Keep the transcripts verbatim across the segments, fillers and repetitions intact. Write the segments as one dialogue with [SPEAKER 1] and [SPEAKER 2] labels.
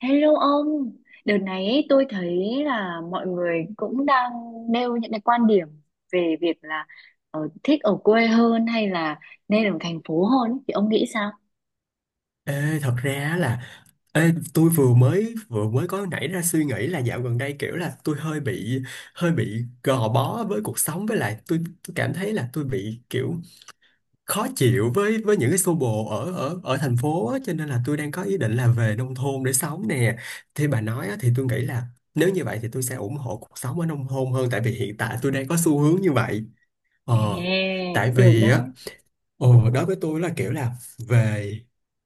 [SPEAKER 1] Hello ông, đợt này ấy, tôi thấy là mọi người cũng đang nêu những cái quan điểm về việc là ờ, thích ở quê hơn hay là nên ở thành phố hơn ấy. Thì ông nghĩ sao?
[SPEAKER 2] Ê, thật ra á là ê, tôi vừa mới vừa mới có nảy ra suy nghĩ là dạo gần đây kiểu là tôi hơi bị hơi bị gò bó với cuộc sống với lại tôi tôi cảm thấy là tôi bị kiểu khó chịu với với những cái xô bồ ở ở ở thành phố á, cho nên là tôi đang có ý định là về nông thôn để sống nè. Thì bà nói á, thì tôi nghĩ là nếu như vậy thì tôi sẽ ủng hộ cuộc sống ở nông thôn hơn tại vì hiện tại tôi đang có xu hướng như vậy. Ờ,
[SPEAKER 1] Ê,
[SPEAKER 2] tại
[SPEAKER 1] được
[SPEAKER 2] vì
[SPEAKER 1] đấy.
[SPEAKER 2] á. Ồ, đối với tôi là kiểu là về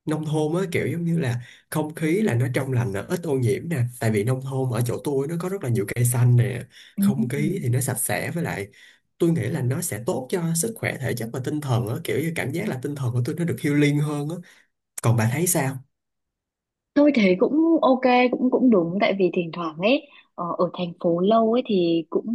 [SPEAKER 2] nông thôn á, kiểu giống như là không khí là nó trong lành nè, ít ô nhiễm nè, tại vì nông thôn ở chỗ tôi nó có rất là nhiều cây xanh nè, không khí
[SPEAKER 1] Ừ.
[SPEAKER 2] thì nó sạch sẽ, với lại tôi nghĩ là nó sẽ tốt cho sức khỏe thể chất và tinh thần á, kiểu như cảm giác là tinh thần của tôi nó được healing hơn á. Còn bà thấy sao?
[SPEAKER 1] Tôi thấy cũng ok, cũng cũng đúng tại vì thỉnh thoảng ấy, ờ, ở thành phố lâu ấy thì cũng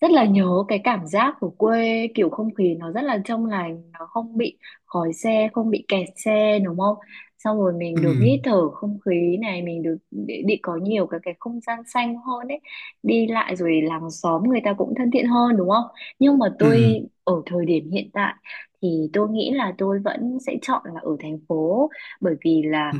[SPEAKER 1] rất là nhớ cái cảm giác của quê, kiểu không khí nó rất là trong lành, nó không bị khói xe, không bị kẹt xe đúng không? Xong rồi mình
[SPEAKER 2] Ừ.
[SPEAKER 1] được hít thở không khí này, mình được đi, đi có nhiều cái cái không gian xanh hơn ấy, đi lại, rồi làng xóm người ta cũng thân thiện hơn đúng không? Nhưng mà tôi
[SPEAKER 2] Ừ.
[SPEAKER 1] ở thời điểm hiện tại thì tôi nghĩ là tôi vẫn sẽ chọn là ở thành phố, bởi vì là
[SPEAKER 2] Ừ.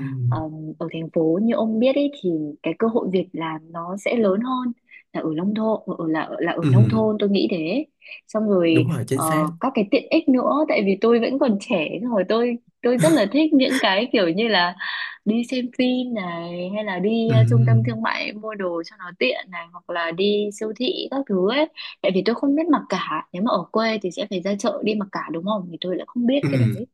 [SPEAKER 1] ở thành phố như ông biết ấy thì cái cơ hội việc làm nó sẽ lớn hơn là ở nông thôn ở là là ở
[SPEAKER 2] Ừ.
[SPEAKER 1] nông thôn tôi nghĩ thế. Xong rồi
[SPEAKER 2] Đúng rồi, chính
[SPEAKER 1] ờ,
[SPEAKER 2] xác.
[SPEAKER 1] các cái tiện ích nữa, tại vì tôi vẫn còn trẻ, xong rồi tôi tôi rất là thích những cái kiểu như là đi xem phim này, hay là đi
[SPEAKER 2] Ừ.
[SPEAKER 1] ờ, trung tâm thương mại mua đồ cho nó tiện này, hoặc là đi siêu thị các thứ ấy, tại vì tôi không biết mặc cả, nếu mà ở quê thì sẽ phải ra chợ đi mặc cả đúng không, thì tôi lại không biết cái đấy.
[SPEAKER 2] Ừ.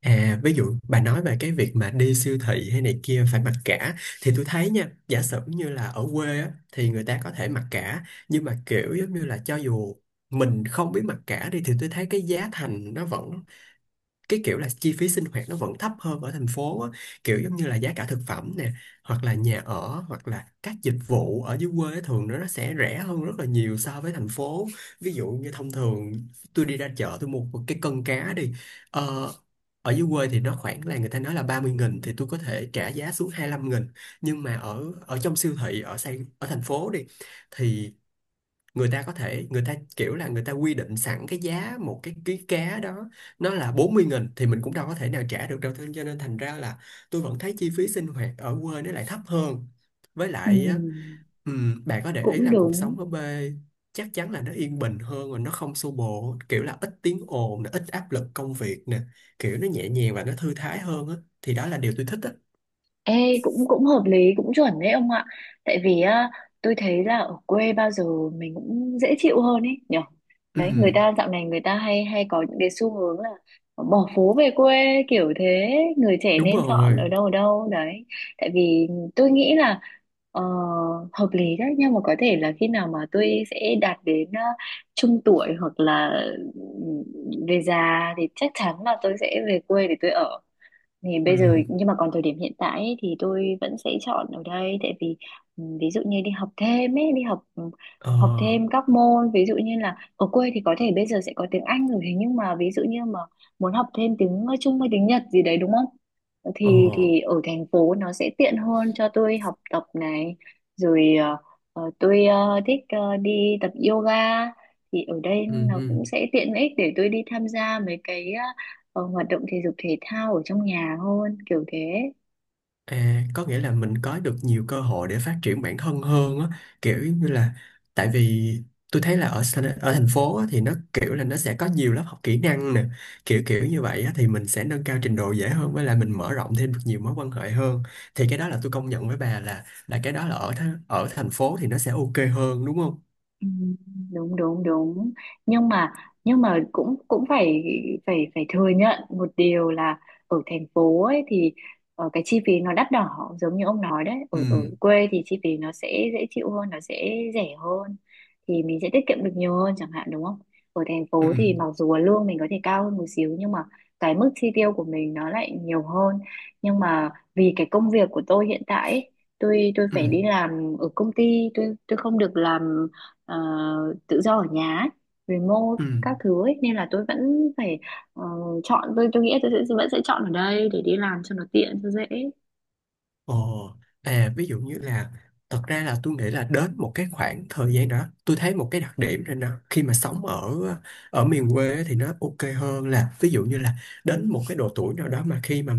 [SPEAKER 2] À, ví dụ bà nói về cái việc mà đi siêu thị hay này kia phải mặc cả, thì tôi thấy nha, giả sử như là ở quê á, thì người ta có thể mặc cả, nhưng mà kiểu giống như là cho dù mình không biết mặc cả đi thì tôi thấy cái giá thành nó vẫn, cái kiểu là chi phí sinh hoạt nó vẫn thấp hơn ở thành phố á. Kiểu giống như là giá cả thực phẩm nè, hoặc là nhà ở, hoặc là các dịch vụ ở dưới quê thường nó nó sẽ rẻ hơn rất là nhiều so với thành phố. Ví dụ như thông thường, tôi đi ra chợ tôi mua một cái cân cá đi, ờ, ở dưới quê thì nó khoảng là người ta nói là ba mươi nghìn, thì tôi có thể trả giá xuống hai lăm nghìn. Nhưng mà ở ở trong siêu thị ở Sài, ở thành phố đi, thì người ta có thể, người ta kiểu là người ta quy định sẵn cái giá một cái ký cá đó nó là bốn mươi nghìn, thì mình cũng đâu có thể nào trả được đâu, thế cho nên thành ra là tôi vẫn thấy chi phí sinh hoạt ở quê nó lại thấp hơn. Với
[SPEAKER 1] Ừ,
[SPEAKER 2] lại á, ừm, bạn có để ý
[SPEAKER 1] cũng
[SPEAKER 2] là cuộc
[SPEAKER 1] đúng.
[SPEAKER 2] sống ở quê chắc chắn là nó yên bình hơn và nó không xô bồ, kiểu là ít tiếng ồn nè, ít áp lực công việc nè, kiểu nó nhẹ nhàng và nó thư thái hơn á. Thì đó là điều tôi thích á.
[SPEAKER 1] Ê, cũng cũng hợp lý, cũng chuẩn đấy ông ạ, tại vì á, tôi thấy là ở quê bao giờ mình cũng dễ chịu hơn ấy nhở. Đấy, người
[SPEAKER 2] Ừm.
[SPEAKER 1] ta dạo này người ta hay hay có những cái xu hướng là bỏ phố về quê kiểu thế, người trẻ
[SPEAKER 2] Đúng
[SPEAKER 1] nên chọn ở
[SPEAKER 2] rồi.
[SPEAKER 1] đâu, ở đâu đấy. Tại vì tôi nghĩ là ờ, hợp lý đấy, nhưng mà có thể là khi nào mà tôi sẽ đạt đến ờ, trung tuổi hoặc là ừ, về già thì chắc chắn là tôi sẽ về quê để tôi ở. Thì bây giờ,
[SPEAKER 2] Ừm.
[SPEAKER 1] nhưng mà còn thời điểm hiện tại ấy, thì tôi vẫn sẽ chọn ở đây tại vì ừ, ví dụ như đi học thêm ấy, đi học ừ,
[SPEAKER 2] Ờ.
[SPEAKER 1] học thêm các môn. Ví dụ như là ở quê thì có thể bây giờ sẽ có tiếng Anh rồi, thế nhưng mà ví dụ như mà muốn học thêm tiếng ờ, Trung hay tiếng Nhật gì đấy đúng không,
[SPEAKER 2] Ờ.
[SPEAKER 1] thì thì ở thành phố nó sẽ tiện hơn cho tôi học tập này. Rồi ờ, ờ, tôi ờ, thích ờ, đi tập yoga, thì ở đây
[SPEAKER 2] Ừm.
[SPEAKER 1] nó cũng
[SPEAKER 2] Ừm.
[SPEAKER 1] sẽ tiện ích để tôi đi tham gia mấy cái ờ, ờ, hoạt động thể dục thể thao ở trong nhà hơn kiểu thế.
[SPEAKER 2] À, có nghĩa là mình có được nhiều cơ hội để phát triển bản thân hơn á, kiểu như là, tại vì tôi thấy là ở sa- ở thành phố á, thì nó kiểu là nó sẽ có nhiều lớp học kỹ năng nè, kiểu kiểu như vậy á, thì mình sẽ nâng cao trình độ dễ hơn, với lại mình mở rộng thêm được nhiều mối quan hệ hơn. Thì cái đó là tôi công nhận với bà là là cái đó là ở tha- ở thành phố thì nó sẽ ok hơn đúng không?
[SPEAKER 1] Ừ, đúng đúng đúng. Nhưng mà nhưng mà cũng cũng phải phải phải thừa nhận một điều là ở thành phố ấy thì ờ, cái chi phí nó đắt đỏ, giống như ông nói đấy, ở ở
[SPEAKER 2] Ừ.
[SPEAKER 1] quê thì chi phí nó sẽ dễ chịu hơn, nó sẽ rẻ hơn, thì mình sẽ tiết kiệm được nhiều hơn chẳng hạn đúng không. Ở thành
[SPEAKER 2] Ừ.
[SPEAKER 1] phố thì mặc dù là lương mình có thể cao hơn một xíu, nhưng mà cái mức chi tiêu của mình nó lại nhiều hơn. Nhưng mà vì cái công việc của tôi hiện tại ấy, tôi tôi
[SPEAKER 2] Ừ.
[SPEAKER 1] phải đi làm ở công ty, tôi tôi không được làm ờ, tự do ở nhà ấy,
[SPEAKER 2] Ừ.
[SPEAKER 1] remote các thứ ấy, nên là tôi vẫn phải ờ, chọn, tôi tôi nghĩ tôi sẽ vẫn sẽ chọn ở đây để đi làm cho nó tiện cho dễ.
[SPEAKER 2] Ồ, à ví dụ như là, thật ra là tôi nghĩ là đến một cái khoảng thời gian đó tôi thấy một cái đặc điểm rồi nè, khi mà sống ở ở miền quê thì nó ok hơn, là ví dụ như là đến một cái độ tuổi nào đó mà khi mà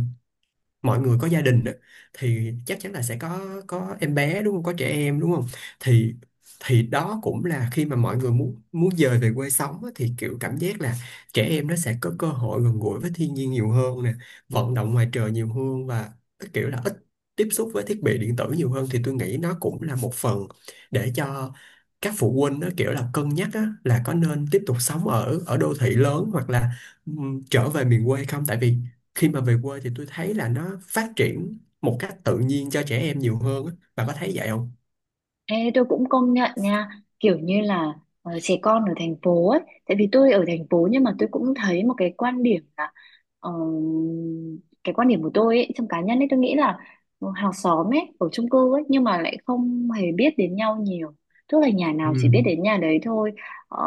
[SPEAKER 2] mọi người có gia đình á, thì chắc chắn là sẽ có có em bé đúng không, có trẻ em đúng không, thì thì đó cũng là khi mà mọi người muốn muốn dời về quê sống á, thì kiểu cảm giác là trẻ em nó sẽ có cơ hội gần gũi với thiên nhiên nhiều hơn nè, vận động ngoài trời nhiều hơn, và cái kiểu là ít tiếp xúc với thiết bị điện tử nhiều hơn, thì tôi nghĩ nó cũng là một phần để cho các phụ huynh nó kiểu là cân nhắc á, là có nên tiếp tục sống ở ở đô thị lớn hoặc là ừm, trở về miền quê không, tại vì khi mà về quê thì tôi thấy là nó phát triển một cách tự nhiên cho trẻ em nhiều hơn á. Bà có thấy vậy không?
[SPEAKER 1] Ê, tôi cũng công nhận nha, kiểu như là ờ, trẻ con ở thành phố ấy, tại vì tôi ở thành phố nhưng mà tôi cũng thấy một cái quan điểm là ờ, cái quan điểm của tôi ấy, trong cá nhân ấy tôi nghĩ là hàng xóm ấy ở chung cư ấy nhưng mà lại không hề biết đến nhau nhiều, tức là nhà
[SPEAKER 2] Ừ.
[SPEAKER 1] nào chỉ biết đến nhà đấy thôi. Ờ,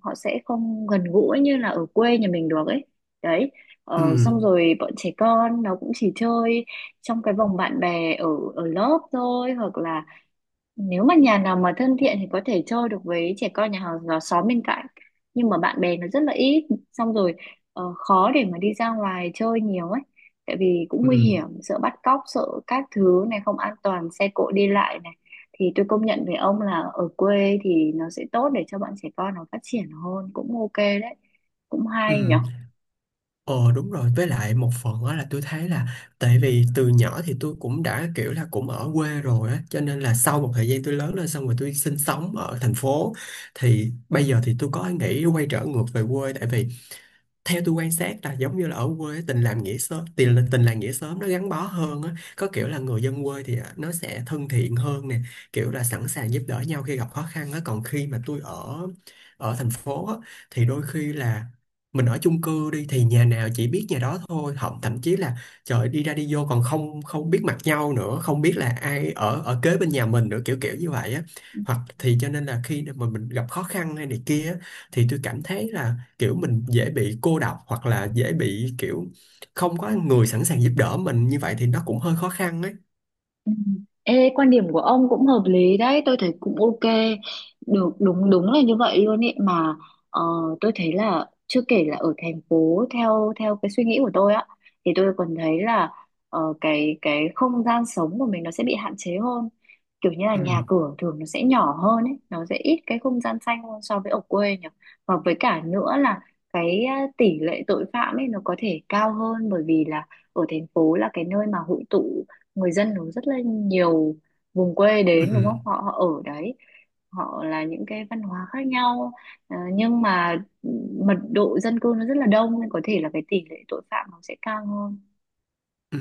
[SPEAKER 1] Họ sẽ không gần gũi như là ở quê nhà mình được ấy, đấy.
[SPEAKER 2] Ừ.
[SPEAKER 1] Ờ, xong rồi bọn trẻ con nó cũng chỉ chơi trong cái vòng bạn bè ở ở lớp thôi, hoặc là nếu mà nhà nào mà thân thiện thì có thể chơi được với trẻ con nhà hàng xóm xóm bên cạnh. Nhưng mà bạn bè nó rất là ít, xong rồi ờ, khó để mà đi ra ngoài chơi nhiều ấy. Tại vì cũng nguy
[SPEAKER 2] Ừ.
[SPEAKER 1] hiểm, sợ bắt cóc, sợ các thứ này không an toàn, xe cộ đi lại này. Thì tôi công nhận với ông là ở quê thì nó sẽ tốt để cho bọn trẻ con nó phát triển hơn, cũng ok đấy, cũng
[SPEAKER 2] Ừ.
[SPEAKER 1] hay nhở.
[SPEAKER 2] Ờ đúng rồi, với lại một phần đó là tôi thấy là, tại vì từ nhỏ thì tôi cũng đã kiểu là cũng ở quê rồi á, cho nên là sau một thời gian tôi lớn lên xong rồi tôi sinh sống ở thành phố, thì bây giờ thì tôi có nghĩ quay trở ngược về quê, tại vì theo tôi quan sát là giống như là ở quê tình làm nghĩa sớm, tình tình làng nghĩa xóm nó gắn bó hơn á, có kiểu là người dân quê thì à, nó sẽ thân thiện hơn nè, kiểu là sẵn sàng giúp đỡ nhau khi gặp khó khăn á. Còn khi mà tôi ở ở thành phố á, thì đôi khi là mình ở chung cư đi, thì nhà nào chỉ biết nhà đó thôi, thậm thậm chí là trời đi ra đi vô còn không không biết mặt nhau nữa, không biết là ai ở ở kế bên nhà mình nữa, kiểu kiểu như vậy á. Hoặc thì cho nên là khi mà mình gặp khó khăn hay này kia á, thì tôi cảm thấy là kiểu mình dễ bị cô độc, hoặc là dễ bị kiểu không có người sẵn sàng giúp đỡ mình, như vậy thì nó cũng hơi khó khăn ấy.
[SPEAKER 1] Ừ. Ê, quan điểm của ông cũng hợp lý đấy, tôi thấy cũng ok. Được, đúng đúng là như vậy luôn ý mà, ờ, tôi thấy là chưa kể là ở thành phố theo theo cái suy nghĩ của tôi á thì tôi còn thấy là ờ, cái cái không gian sống của mình nó sẽ bị hạn chế hơn. Kiểu như là
[SPEAKER 2] Ừ.
[SPEAKER 1] nhà cửa thường nó sẽ nhỏ hơn ấy, nó sẽ ít cái không gian xanh hơn so với ở quê nhỉ. Và với cả nữa là cái ờ, tỷ lệ tội phạm ấy nó có thể cao hơn, bởi vì là ở thành phố là cái nơi mà hội tụ, người dân nó rất là nhiều vùng quê đến đúng
[SPEAKER 2] Ừ.
[SPEAKER 1] không, họ, họ ở đấy, họ là những cái văn hóa khác nhau. Ờ, nhưng mà mật độ dân cư nó rất là đông nên có thể là cái tỷ lệ tội phạm nó sẽ cao hơn.
[SPEAKER 2] Ừ.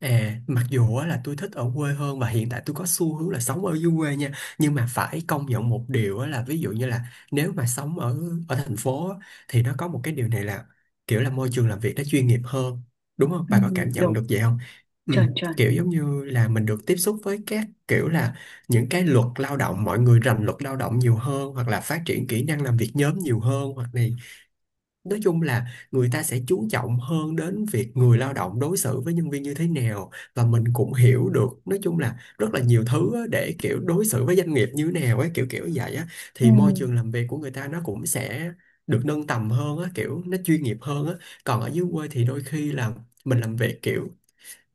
[SPEAKER 2] À, mặc dù á, là tôi thích ở quê hơn và hiện tại tôi có xu hướng là sống ở dưới quê nha, nhưng mà phải công nhận một điều á, là ví dụ như là nếu mà sống ở ở thành phố á, thì nó có một cái điều này là kiểu là môi trường làm việc nó chuyên nghiệp hơn, đúng không,
[SPEAKER 1] Ừ,
[SPEAKER 2] bà có cảm nhận
[SPEAKER 1] đúng,
[SPEAKER 2] được vậy không? Ừ.
[SPEAKER 1] chuẩn chuẩn,
[SPEAKER 2] Kiểu giống như là mình được tiếp xúc với các kiểu là những cái luật lao động, mọi người rành luật lao động nhiều hơn, hoặc là phát triển kỹ năng làm việc nhóm nhiều hơn, hoặc này. Nói chung là người ta sẽ chú trọng hơn đến việc người lao động đối xử với nhân viên như thế nào, và mình cũng hiểu được nói chung là rất là nhiều thứ á, để kiểu đối xử với doanh nghiệp như thế nào ấy, kiểu kiểu vậy á.
[SPEAKER 1] ừ.
[SPEAKER 2] Thì môi trường làm việc của người ta nó cũng sẽ được nâng tầm hơn á, kiểu nó chuyên nghiệp hơn á. Còn ở dưới quê thì đôi khi là mình làm việc kiểu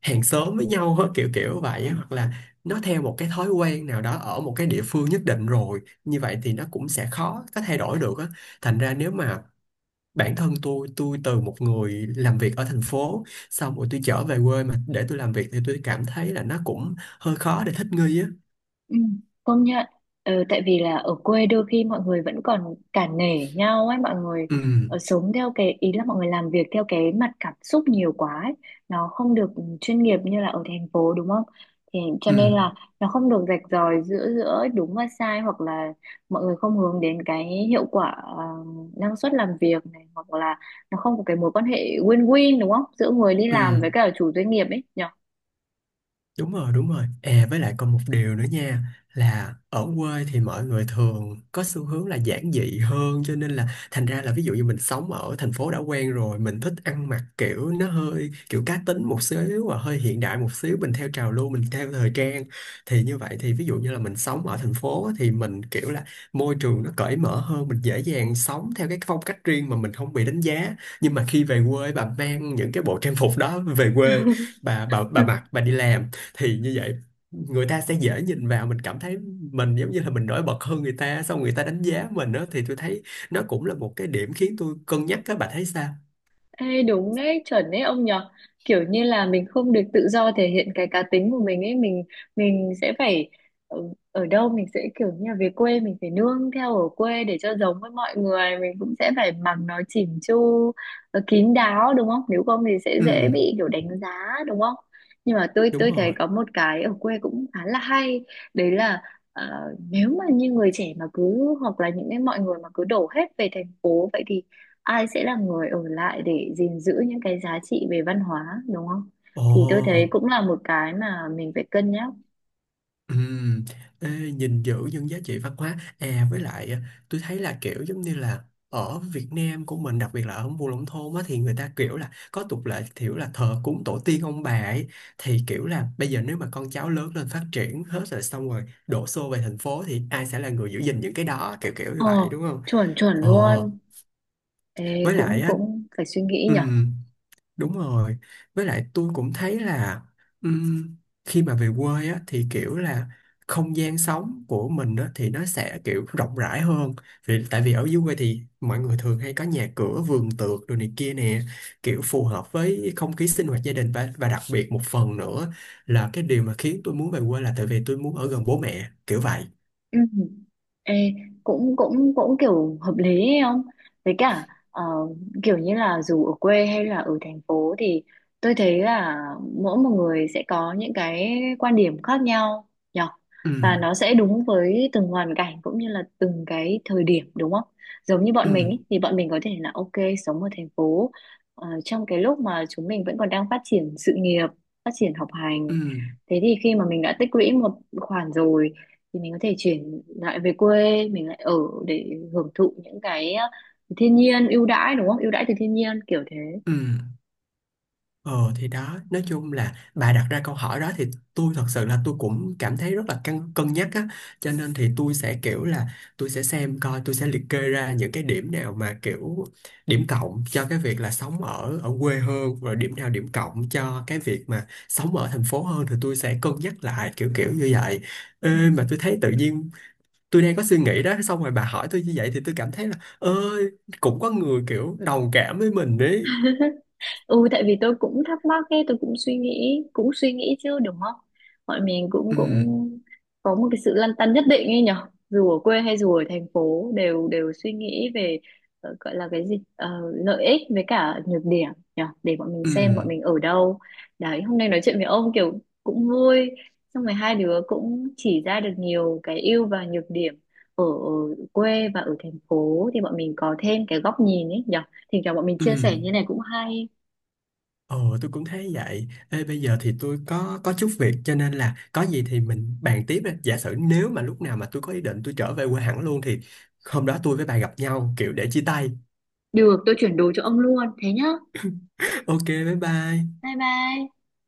[SPEAKER 2] hàng xóm với nhau á, kiểu kiểu vậy á, hoặc là nó theo một cái thói quen nào đó ở một cái địa phương nhất định rồi, như vậy thì nó cũng sẽ khó có thay đổi được á. Thành ra nếu mà bản thân tôi, tôi từ một người làm việc ở thành phố xong rồi tôi trở về quê mà để tôi làm việc, thì tôi cảm thấy là nó cũng hơi khó để thích nghi á.
[SPEAKER 1] Ừ, công nhận. Ờ, tại vì là ở quê đôi khi mọi người vẫn còn cả nể nhau ấy, mọi người
[SPEAKER 2] Ừ.
[SPEAKER 1] ờ, sống theo cái ý là mọi người làm việc theo cái mặt cảm xúc nhiều quá ấy. Nó không được chuyên nghiệp như là ở thành phố đúng không, thì cho nên
[SPEAKER 2] Ừ.
[SPEAKER 1] là nó không được rạch ròi giữa giữa đúng và sai, hoặc là mọi người không hướng đến cái hiệu quả, ờ, năng suất làm việc này, hoặc là nó không có cái mối quan hệ win-win đúng không giữa người đi
[SPEAKER 2] Ừ.
[SPEAKER 1] làm với cả chủ doanh nghiệp ấy nhỉ.
[SPEAKER 2] Đúng rồi, đúng rồi. À với lại còn một điều nữa nha, là ở quê thì mọi người thường có xu hướng là giản dị hơn, cho nên là thành ra là ví dụ như mình sống ở thành phố đã quen rồi, mình thích ăn mặc kiểu nó hơi kiểu cá tính một xíu và hơi hiện đại một xíu, mình theo trào lưu mình theo thời trang, thì như vậy thì ví dụ như là mình sống ở thành phố á, thì mình kiểu là môi trường nó cởi mở hơn, mình dễ dàng sống theo cái phong cách riêng mà mình không bị đánh giá. Nhưng mà khi về quê bà mang những cái bộ trang phục đó về quê, bà bà bà mặc bà đi làm, thì như vậy người ta sẽ dễ nhìn vào mình, cảm thấy mình giống như là mình nổi bật hơn người ta, xong người ta đánh giá mình đó, thì tôi thấy nó cũng là một cái điểm khiến tôi cân nhắc, các bạn thấy sao?
[SPEAKER 1] Ê, đúng đấy, chuẩn đấy ông nhở, kiểu như là mình không được tự do thể hiện cái cá tính của mình ấy, mình mình sẽ phải ở, ở đâu, mình sẽ kiểu như là về quê mình phải nương theo ở quê để cho giống với mọi người, mình cũng sẽ phải mặc nó chỉn chu, ờ, kín đáo đúng không, nếu không thì sẽ
[SPEAKER 2] Ừ.
[SPEAKER 1] dễ bị kiểu đánh giá đúng không. Nhưng mà tôi
[SPEAKER 2] Đúng
[SPEAKER 1] tôi thấy
[SPEAKER 2] rồi.
[SPEAKER 1] có một cái ở quê cũng khá là hay, đấy là ờ, nếu mà như người trẻ mà cứ, hoặc là những cái mọi người mà cứ đổ hết về thành phố vậy thì ai sẽ là người ở lại để gìn giữ những cái giá trị về văn hóa đúng không,
[SPEAKER 2] Ồ.
[SPEAKER 1] thì tôi thấy cũng là một cái mà mình phải cân nhắc.
[SPEAKER 2] Ừm, ê, gìn giữ những giá trị văn hóa à, với lại à, tôi thấy là kiểu giống như là ở Việt Nam của mình, đặc biệt là ở vùng nông thôn á, thì người ta kiểu là có tục lệ kiểu là thờ cúng tổ tiên ông bà ấy. Thì kiểu là bây giờ nếu mà con cháu lớn lên phát triển hết rồi xong rồi đổ xô về thành phố, thì ai sẽ là người giữ gìn những cái đó, kiểu kiểu như
[SPEAKER 1] ờ
[SPEAKER 2] vậy đúng không?
[SPEAKER 1] Chuẩn chuẩn
[SPEAKER 2] Ờ.
[SPEAKER 1] luôn. Ê,
[SPEAKER 2] Với
[SPEAKER 1] cũng
[SPEAKER 2] lại á.
[SPEAKER 1] cũng phải suy nghĩ nhở.
[SPEAKER 2] Đúng rồi. Với lại tôi cũng thấy là ừm, khi mà về quê á, thì kiểu là không gian sống của mình á, thì nó sẽ kiểu rộng rãi hơn. Vì tại vì ở dưới quê thì mọi người thường hay có nhà cửa, vườn tược đồ này kia nè, kiểu phù hợp với không khí sinh hoạt gia đình, và và đặc biệt một phần nữa là cái điều mà khiến tôi muốn về quê là tại vì tôi muốn ở gần bố mẹ, kiểu vậy.
[SPEAKER 1] Ừ. Ê, cũng cũng cũng kiểu hợp lý ấy không? Với cả ờ, kiểu như là dù ở quê hay là ở thành phố thì tôi thấy là mỗi một người sẽ có những cái quan điểm khác nhau nhỉ?
[SPEAKER 2] Ừ.
[SPEAKER 1] Và nó sẽ đúng với từng hoàn cảnh cũng như là từng cái thời điểm đúng không? Giống như bọn mình
[SPEAKER 2] Ừ.
[SPEAKER 1] ý, thì bọn mình có thể là ok sống ở thành phố ờ, trong cái lúc mà chúng mình vẫn còn đang phát triển sự nghiệp, phát triển học hành.
[SPEAKER 2] Ừ.
[SPEAKER 1] Thế thì khi mà mình đã tích lũy một khoản rồi thì mình có thể chuyển lại về quê mình lại ở để hưởng thụ những cái ờ, thiên nhiên ưu đãi đúng không, ưu đãi từ thiên nhiên kiểu thế.
[SPEAKER 2] Ừ. Ờ thì đó, nói chung là bà đặt ra câu hỏi đó, thì tôi thật sự là tôi cũng cảm thấy rất là cân cân nhắc á, cho nên thì tôi sẽ kiểu là tôi sẽ xem coi, tôi sẽ liệt kê ra những cái điểm nào mà kiểu điểm cộng cho cái việc là sống ở ở quê hơn, rồi điểm nào điểm cộng cho cái việc mà sống ở thành phố hơn, thì tôi sẽ cân nhắc lại kiểu kiểu như vậy. Ê,
[SPEAKER 1] Ừ.
[SPEAKER 2] mà tôi thấy tự nhiên tôi đang có suy nghĩ đó, xong rồi bà hỏi tôi như vậy thì tôi cảm thấy là ơi, cũng có người kiểu đồng cảm với mình đấy.
[SPEAKER 1] Ừ, tại vì tôi cũng thắc mắc ấy, tôi cũng suy nghĩ cũng suy nghĩ chứ đúng không, mọi mình cũng
[SPEAKER 2] Ừ.
[SPEAKER 1] cũng có một cái sự lăn tăn nhất định ấy nhở, dù ở quê hay dù ở thành phố đều đều suy nghĩ về ờ, gọi là cái gì. Ờ, Lợi ích với cả nhược điểm nhở, để bọn mình
[SPEAKER 2] Ừ.
[SPEAKER 1] xem bọn mình ở đâu. Đấy, hôm nay nói chuyện với ông kiểu cũng vui, xong rồi hai đứa cũng chỉ ra được nhiều cái ưu và nhược điểm ở, ở quê và ở thành phố, thì bọn mình có thêm cái góc nhìn ấy nhở, thỉnh thoảng bọn mình
[SPEAKER 2] Ừ,
[SPEAKER 1] chia sẻ như này cũng hay.
[SPEAKER 2] ồ tôi cũng thấy vậy. Ê, bây giờ thì tôi có có chút việc, cho nên là có gì thì mình bàn tiếp đi. Giả sử nếu mà lúc nào mà tôi có ý định tôi trở về quê hẳn luôn, thì hôm đó tôi với bà gặp nhau kiểu để chia tay.
[SPEAKER 1] Được, tôi chuyển đồ cho ông luôn. Thế nhá.
[SPEAKER 2] Ok, bye bye.
[SPEAKER 1] Bye bye.